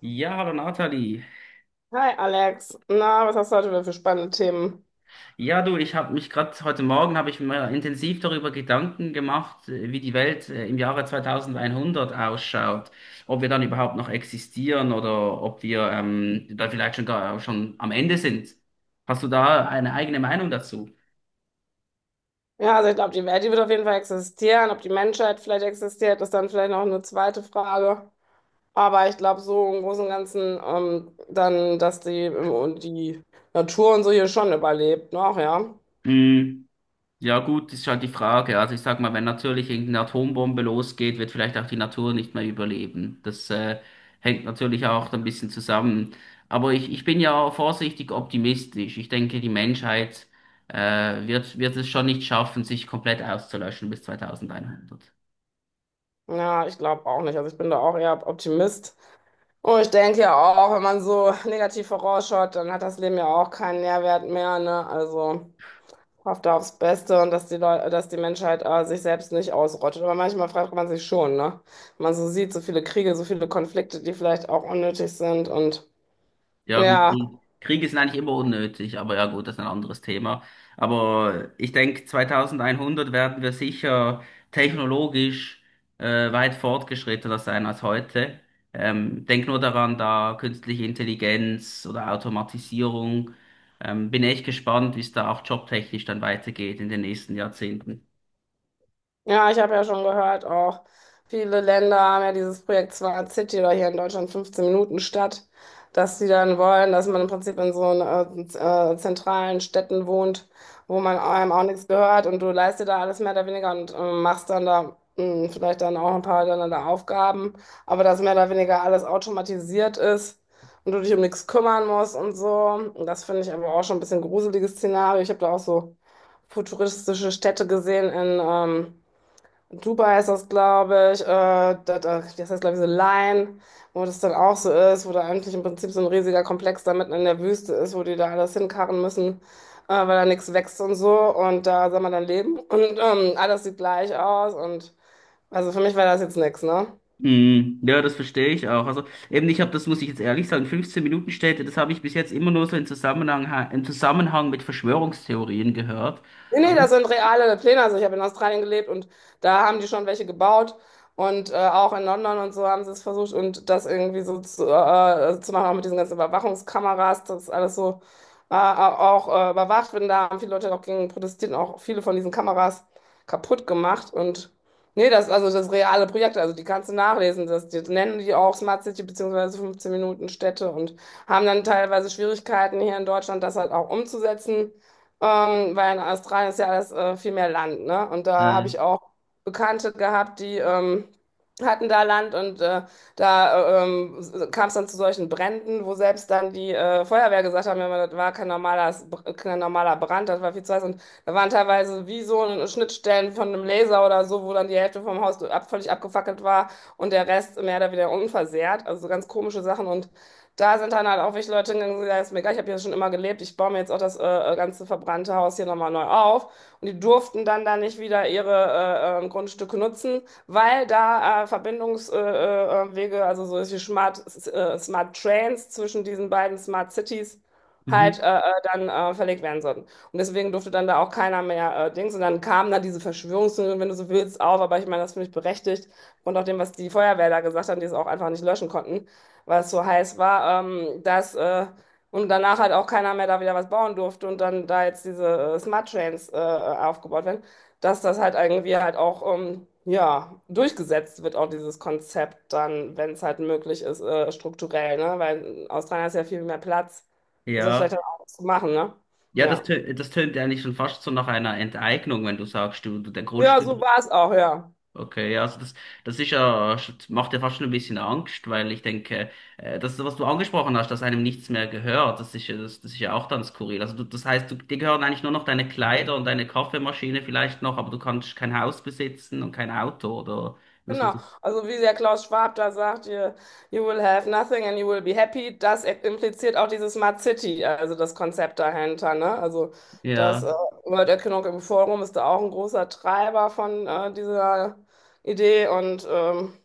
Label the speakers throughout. Speaker 1: Ja, hallo Nathalie.
Speaker 2: Hi Alex, na, was hast du heute wieder für spannende Themen?
Speaker 1: Ja, du, ich habe mich gerade heute Morgen habe ich mir intensiv darüber Gedanken gemacht, wie die Welt im Jahre 2100 ausschaut, ob wir dann überhaupt noch existieren oder ob wir da vielleicht schon gar schon am Ende sind. Hast du da eine eigene Meinung dazu?
Speaker 2: Ja, also ich glaube, die Welt, die wird auf jeden Fall existieren. Ob die Menschheit vielleicht existiert, ist dann vielleicht noch eine zweite Frage. Aber ich glaube, so im Großen und Ganzen, dann, dass die, und die Natur und so hier schon überlebt noch, ja.
Speaker 1: Mm. Ja, gut, ist halt die Frage. Also ich sag mal, wenn natürlich irgendeine Atombombe losgeht, wird vielleicht auch die Natur nicht mehr überleben. Das hängt natürlich auch ein bisschen zusammen. Aber ich bin ja vorsichtig optimistisch. Ich denke, die Menschheit wird es schon nicht schaffen, sich komplett auszulöschen bis 2100.
Speaker 2: Ja, ich glaube auch nicht. Also ich bin da auch eher Optimist. Und ich denke ja auch, wenn man so negativ vorausschaut, dann hat das Leben ja auch keinen Nährwert mehr, ne? Also hofft da aufs Beste und dass die Leute, dass die Menschheit sich selbst nicht ausrottet. Aber manchmal fragt man sich schon, ne? Wenn man so sieht, so viele Kriege, so viele Konflikte, die vielleicht auch unnötig sind und
Speaker 1: Ja, gut,
Speaker 2: ja.
Speaker 1: Krieg. Kriege sind eigentlich immer unnötig, aber ja, gut, das ist ein anderes Thema. Aber ich denke, 2100 werden wir sicher technologisch weit fortgeschrittener sein als heute. Denk nur daran, da künstliche Intelligenz oder Automatisierung. Bin echt gespannt, wie es da auch jobtechnisch dann weitergeht in den nächsten Jahrzehnten.
Speaker 2: Ja, ich habe ja schon gehört, auch viele Länder haben ja dieses Projekt Smart City oder hier in Deutschland 15 Minuten Stadt, dass sie dann wollen, dass man im Prinzip in so einen, zentralen Städten wohnt, wo man einem auch nichts gehört und du leist dir da alles mehr oder weniger und machst dann da vielleicht dann auch ein paar dann da Aufgaben, aber dass mehr oder weniger alles automatisiert ist. Und du dich um nichts kümmern musst und so. Und das finde ich aber auch schon ein bisschen gruseliges Szenario. Ich habe da auch so futuristische Städte gesehen in, Dubai ist das, glaube ich, das heißt, glaube ich, so Line, wo das dann auch so ist, wo da eigentlich im Prinzip so ein riesiger Komplex da mitten in der Wüste ist, wo die da alles hinkarren müssen, weil da nichts wächst und so und da soll man dann leben und alles sieht gleich aus und also für mich war das jetzt nichts, ne?
Speaker 1: Mm, ja, das verstehe ich auch. Also eben, ich habe das, muss ich jetzt ehrlich sagen, 15 Minuten Städte, das habe ich bis jetzt immer nur so im Zusammenhang mit Verschwörungstheorien gehört.
Speaker 2: Nee, nee,
Speaker 1: Aber
Speaker 2: das sind reale Pläne. Also ich habe in Australien gelebt und da haben die schon welche gebaut. Und auch in London und so haben sie es versucht und das irgendwie so zu machen, auch mit diesen ganzen Überwachungskameras, das alles so auch überwacht wird. Und da haben viele Leute auch gegen protestiert und auch viele von diesen Kameras kaputt gemacht. Und nee, das, also das reale Projekt, also die kannst du nachlesen. Das, die nennen die auch Smart City beziehungsweise 15 Minuten Städte und haben dann teilweise Schwierigkeiten hier in Deutschland, das halt auch umzusetzen. Weil in Australien ist ja alles viel mehr Land, ne? Und da habe
Speaker 1: äh,
Speaker 2: ich auch Bekannte gehabt, die hatten da Land und da kam es dann zu solchen Bränden, wo selbst dann die Feuerwehr gesagt haben, ja, das war kein normaler, kein normaler Brand, das war viel zu heiß. Und da waren teilweise wie so Schnittstellen von einem Laser oder so, wo dann die Hälfte vom Haus ab, völlig abgefackelt war und der Rest mehr oder weniger unversehrt. Also so ganz komische Sachen. Und da sind dann halt auch wirklich Leute hingegangen, die gesagt haben, ist mir egal, ich habe hier schon immer gelebt, ich baue mir jetzt auch das ganze verbrannte Haus hier nochmal neu auf. Und die durften dann da nicht wieder ihre Grundstücke nutzen, weil da Verbindungswege, Wege, also so ist wie Smart, Smart Trains zwischen diesen beiden Smart Cities
Speaker 1: mhm,
Speaker 2: halt dann verlegt werden sollten. Und deswegen durfte dann da auch keiner mehr Dings. Und dann kamen da diese Verschwörungstheorien, wenn du so willst, auf. Aber ich meine, das finde ich berechtigt. Und auch dem, was die Feuerwehr da gesagt haben, die es auch einfach nicht löschen konnten, weil es so heiß war, dass und danach halt auch keiner mehr da wieder was bauen durfte und dann da jetzt diese Smart Trains aufgebaut werden, dass das halt irgendwie halt auch ja durchgesetzt wird, auch dieses Konzept dann, wenn es halt möglich ist, strukturell, ne? Weil in Australien ist ja viel mehr Platz, um das
Speaker 1: ja,
Speaker 2: vielleicht dann auch zu machen, ne?
Speaker 1: ja,
Speaker 2: Ja.
Speaker 1: das tönt eigentlich schon fast so nach einer Enteignung, wenn du sagst, du der
Speaker 2: Ja, so
Speaker 1: Grundstück.
Speaker 2: war es auch, ja.
Speaker 1: Okay, ja, das ist ja, macht ja fast schon ein bisschen Angst, weil ich denke, das, was du angesprochen hast, dass einem nichts mehr gehört, das ist ja auch dann skurril. Also du, das heißt, du, dir gehören eigentlich nur noch deine Kleider und deine Kaffeemaschine vielleicht noch, aber du kannst kein Haus besitzen und kein Auto oder muss man
Speaker 2: Genau,
Speaker 1: sich,
Speaker 2: also wie der Klaus Schwab da sagt, you, you will have nothing and you will be happy, das impliziert auch diese Smart City, also das Konzept dahinter, ne? Also das
Speaker 1: ja,
Speaker 2: World Economic Forum ist da auch ein großer Treiber von dieser Idee und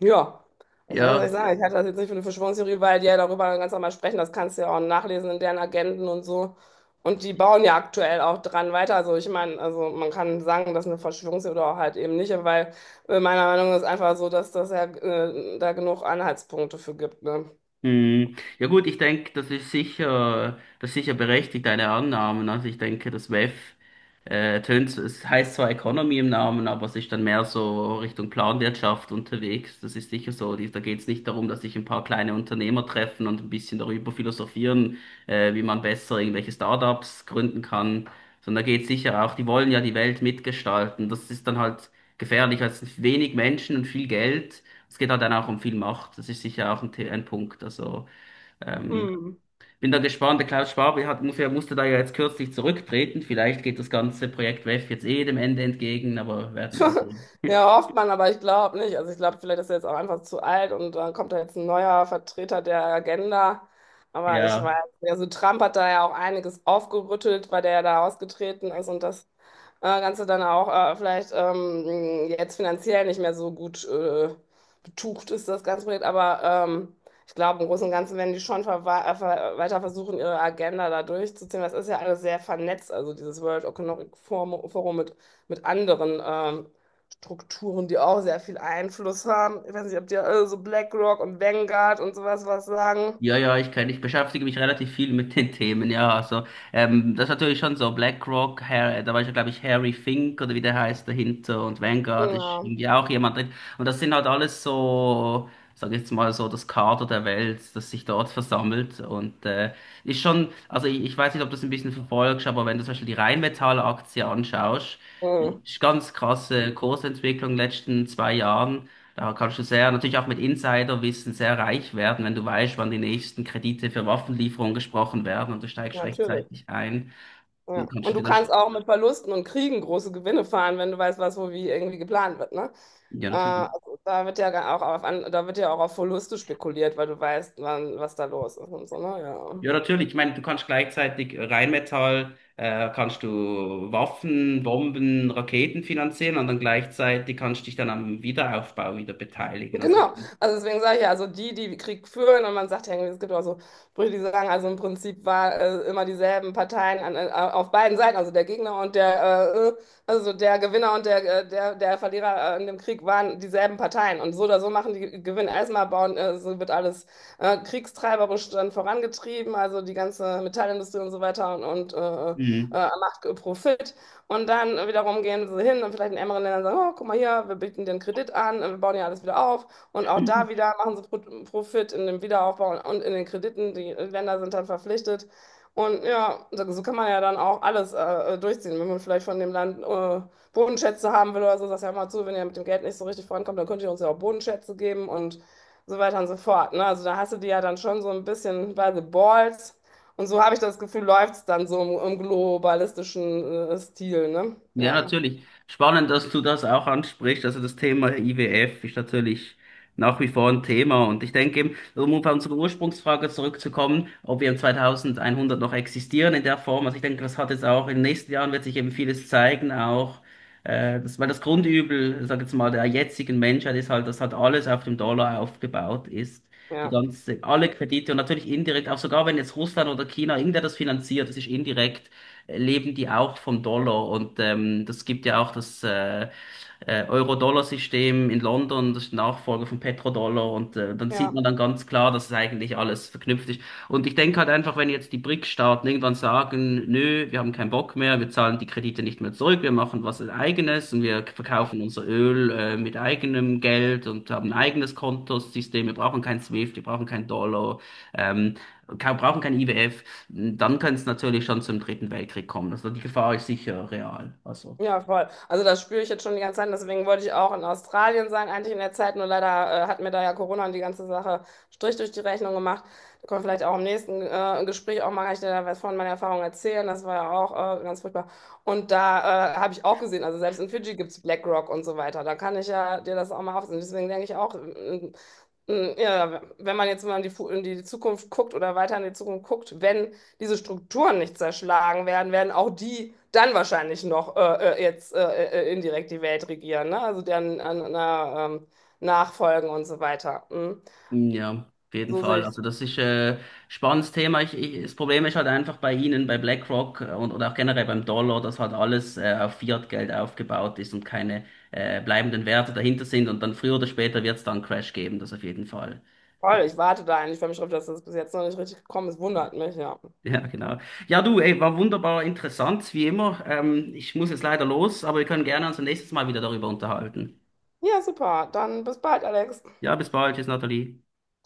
Speaker 2: ja, also, was soll ich
Speaker 1: ja.
Speaker 2: sagen, ich halte das jetzt nicht für eine Verschwörungstheorie, weil die ja darüber ganz normal sprechen, das kannst du ja auch nachlesen in deren Agenden und so. Und die bauen ja aktuell auch dran weiter. Also ich meine, also man kann sagen, das ist eine Verschwörungstheorie oder auch halt eben nicht, weil meiner Meinung nach ist einfach so, dass das ja da genug Anhaltspunkte für gibt, ne?
Speaker 1: Hm, ja, gut, ich denke, das ist sicher berechtigt, deine Annahmen. Also ich denke, das WEF tönt, es heißt zwar Economy im Namen, aber es ist dann mehr so Richtung Planwirtschaft unterwegs. Das ist sicher so. Da geht es nicht darum, dass sich ein paar kleine Unternehmer treffen und ein bisschen darüber philosophieren, wie man besser irgendwelche Startups gründen kann, sondern da geht es sicher auch, die wollen ja die Welt mitgestalten. Das ist dann halt gefährlich, weil es sind wenig Menschen und viel Geld. Es geht halt dann auch um viel Macht. Das ist sicher auch ein Punkt. Also ähm,
Speaker 2: Hm.
Speaker 1: bin da gespannt. Der Klaus Schwab hat, musste da ja jetzt kürzlich zurücktreten. Vielleicht geht das ganze Projekt WEF jetzt eh dem Ende entgegen, aber werden wir mal sehen.
Speaker 2: Ja, hofft man, aber ich glaube nicht. Also ich glaube, vielleicht ist er jetzt auch einfach zu alt und dann kommt da jetzt ein neuer Vertreter der Agenda. Aber ich weiß
Speaker 1: Ja.
Speaker 2: nicht. Also Trump hat da ja auch einiges aufgerüttelt, weil der ja da ausgetreten ist und das Ganze dann auch vielleicht jetzt finanziell nicht mehr so gut betucht ist, das ganze Projekt. Aber ich glaube, im Großen und Ganzen werden die schon ver weiter versuchen, ihre Agenda da durchzuziehen. Das ist ja alles sehr vernetzt, also dieses World Economic Forum mit anderen Strukturen, die auch sehr viel Einfluss haben. Ich weiß nicht, ob dir alle so BlackRock und Vanguard und sowas was sagen.
Speaker 1: Ja, ja, ich beschäftige mich relativ viel mit den Themen, ja. Also, das ist natürlich schon so. BlackRock, da war ja, glaube ich, Harry Fink oder wie der heißt dahinter, und Vanguard ist
Speaker 2: Ja,
Speaker 1: irgendwie auch jemand drin. Und das sind halt alles so, sag ich jetzt mal so, das Kader der Welt, das sich dort versammelt. Und ist schon, also ich weiß nicht, ob du das ein bisschen verfolgst, aber wenn du zum Beispiel die Rheinmetall-Aktie anschaust,
Speaker 2: mhm.
Speaker 1: ist ganz krasse Kursentwicklung in den letzten 2 Jahren. Da kannst du sehr, natürlich auch mit Insiderwissen sehr reich werden, wenn du weißt, wann die nächsten Kredite für Waffenlieferungen gesprochen werden und du steigst
Speaker 2: Natürlich.
Speaker 1: rechtzeitig ein. Dann
Speaker 2: Ja.
Speaker 1: kannst
Speaker 2: Und
Speaker 1: du
Speaker 2: du
Speaker 1: dir dann,
Speaker 2: kannst
Speaker 1: sch-
Speaker 2: auch mit Verlusten und Kriegen große Gewinne fahren, wenn du weißt, was wo wie irgendwie geplant wird, ne?
Speaker 1: ja, natürlich.
Speaker 2: Also da wird ja gar auch da wird ja auch auf Verluste spekuliert, weil du weißt, wann, was da los ist und so, ne? Ja.
Speaker 1: Ja, natürlich. Ich meine, du kannst gleichzeitig Rheinmetall, kannst du Waffen, Bomben, Raketen finanzieren und dann gleichzeitig kannst du dich dann am Wiederaufbau wieder beteiligen. Also,
Speaker 2: Genau, also deswegen sage ich ja, also die, die Krieg führen, und man sagt ja irgendwie, es gibt auch so Sprüche, die sagen, also im Prinzip war immer dieselben Parteien auf beiden Seiten, also der Gegner und der, äh, äh, also der Gewinner und der Verlierer in dem Krieg waren dieselben Parteien. Und so oder so machen die Gewinn erstmal bauen, so wird alles kriegstreiberisch dann vorangetrieben, also die ganze Metallindustrie und so weiter und
Speaker 1: mhm.
Speaker 2: macht Profit. Und dann wiederum gehen sie hin und vielleicht in ärmeren Ländern sagen, oh, guck mal hier, wir bieten den Kredit an, wir bauen ja alles wieder auf. Und auch da wieder machen sie Profit in dem Wiederaufbau und in den Krediten. Die Länder sind dann verpflichtet. Und ja, so kann man ja dann auch alles durchziehen. Wenn man vielleicht von dem Land Bodenschätze haben will oder so, sagst du ja mal zu, wenn ihr mit dem Geld nicht so richtig vorankommt, dann könnt ihr uns ja auch Bodenschätze geben und so weiter und so fort. Ne? Also da hast du die ja dann schon so ein bisschen by the balls. Und so habe ich das Gefühl, läuft es dann so im globalistischen Stil. Ne?
Speaker 1: Ja,
Speaker 2: Ja,
Speaker 1: natürlich. Spannend, dass du das auch ansprichst. Also das Thema IWF ist natürlich nach wie vor ein Thema. Und ich denke eben, um auf unsere Ursprungsfrage zurückzukommen, ob wir im 2100 noch existieren in der Form. Also ich denke, das hat jetzt auch in den nächsten Jahren wird sich eben vieles zeigen, auch weil das Grundübel, sag jetzt mal, der jetzigen Menschheit ist halt, dass halt alles auf dem Dollar aufgebaut ist. Die
Speaker 2: ja,
Speaker 1: ganze, alle Kredite und natürlich indirekt, auch sogar wenn jetzt Russland oder China, irgendwer das finanziert, das ist indirekt leben die auch vom Dollar. Und das gibt ja auch das Euro-Dollar-System in London, das ist Nachfolger von Petrodollar. Und dann sieht
Speaker 2: ja.
Speaker 1: man dann ganz klar, dass es eigentlich alles verknüpft ist. Und ich denke halt einfach, wenn jetzt die BRIC-Staaten irgendwann sagen, nö, wir haben keinen Bock mehr, wir zahlen die Kredite nicht mehr zurück, wir machen was eigenes und wir verkaufen unser Öl mit eigenem Geld und haben ein eigenes Kontosystem, wir brauchen kein SWIFT, wir brauchen keinen Dollar. Ähm, Brauchen kein IWF, dann könnte es natürlich schon zum Dritten Weltkrieg kommen. Also die Gefahr ist sicher real. Also
Speaker 2: Ja, voll. Also das spüre ich jetzt schon die ganze Zeit. Deswegen wollte ich auch in Australien sein, eigentlich in der Zeit. Nur leider hat mir da ja Corona und die ganze Sache Strich durch die Rechnung gemacht. Da können wir vielleicht auch im nächsten Gespräch auch mal kann ich dir da was von meiner Erfahrung erzählen. Das war ja auch ganz furchtbar. Und da habe ich auch gesehen, also selbst in Fidschi gibt es BlackRock und so weiter. Da kann ich ja dir das auch mal aufsehen. Deswegen denke ich auch, ja, wenn man jetzt mal in in die Zukunft guckt oder weiter in die Zukunft guckt, wenn diese Strukturen nicht zerschlagen werden, werden auch die dann wahrscheinlich noch jetzt indirekt die Welt regieren, ne? Also deren Nachfolgen und so weiter. Mhm.
Speaker 1: ja, auf jeden
Speaker 2: So sehe
Speaker 1: Fall.
Speaker 2: ich.
Speaker 1: Also das ist spannendes Thema. Das Problem ist halt einfach bei Ihnen, bei BlackRock und oder auch generell beim Dollar, dass halt alles auf Fiat-Geld aufgebaut ist und keine bleibenden Werte dahinter sind. Und dann früher oder später wird es dann einen Crash geben, das auf jeden Fall.
Speaker 2: Voll. Ich warte da eigentlich für mich drauf, dass das bis jetzt noch nicht richtig gekommen ist. Wundert mich, ja.
Speaker 1: Ja, genau. Ja, du, ey, war wunderbar interessant, wie immer. Ich muss jetzt leider los, aber wir können gerne uns nächstes Mal wieder darüber unterhalten.
Speaker 2: Ja, super. Dann bis bald, Alex.
Speaker 1: Ja, bis bald. Tschüss, Nathalie.
Speaker 2: Ciao.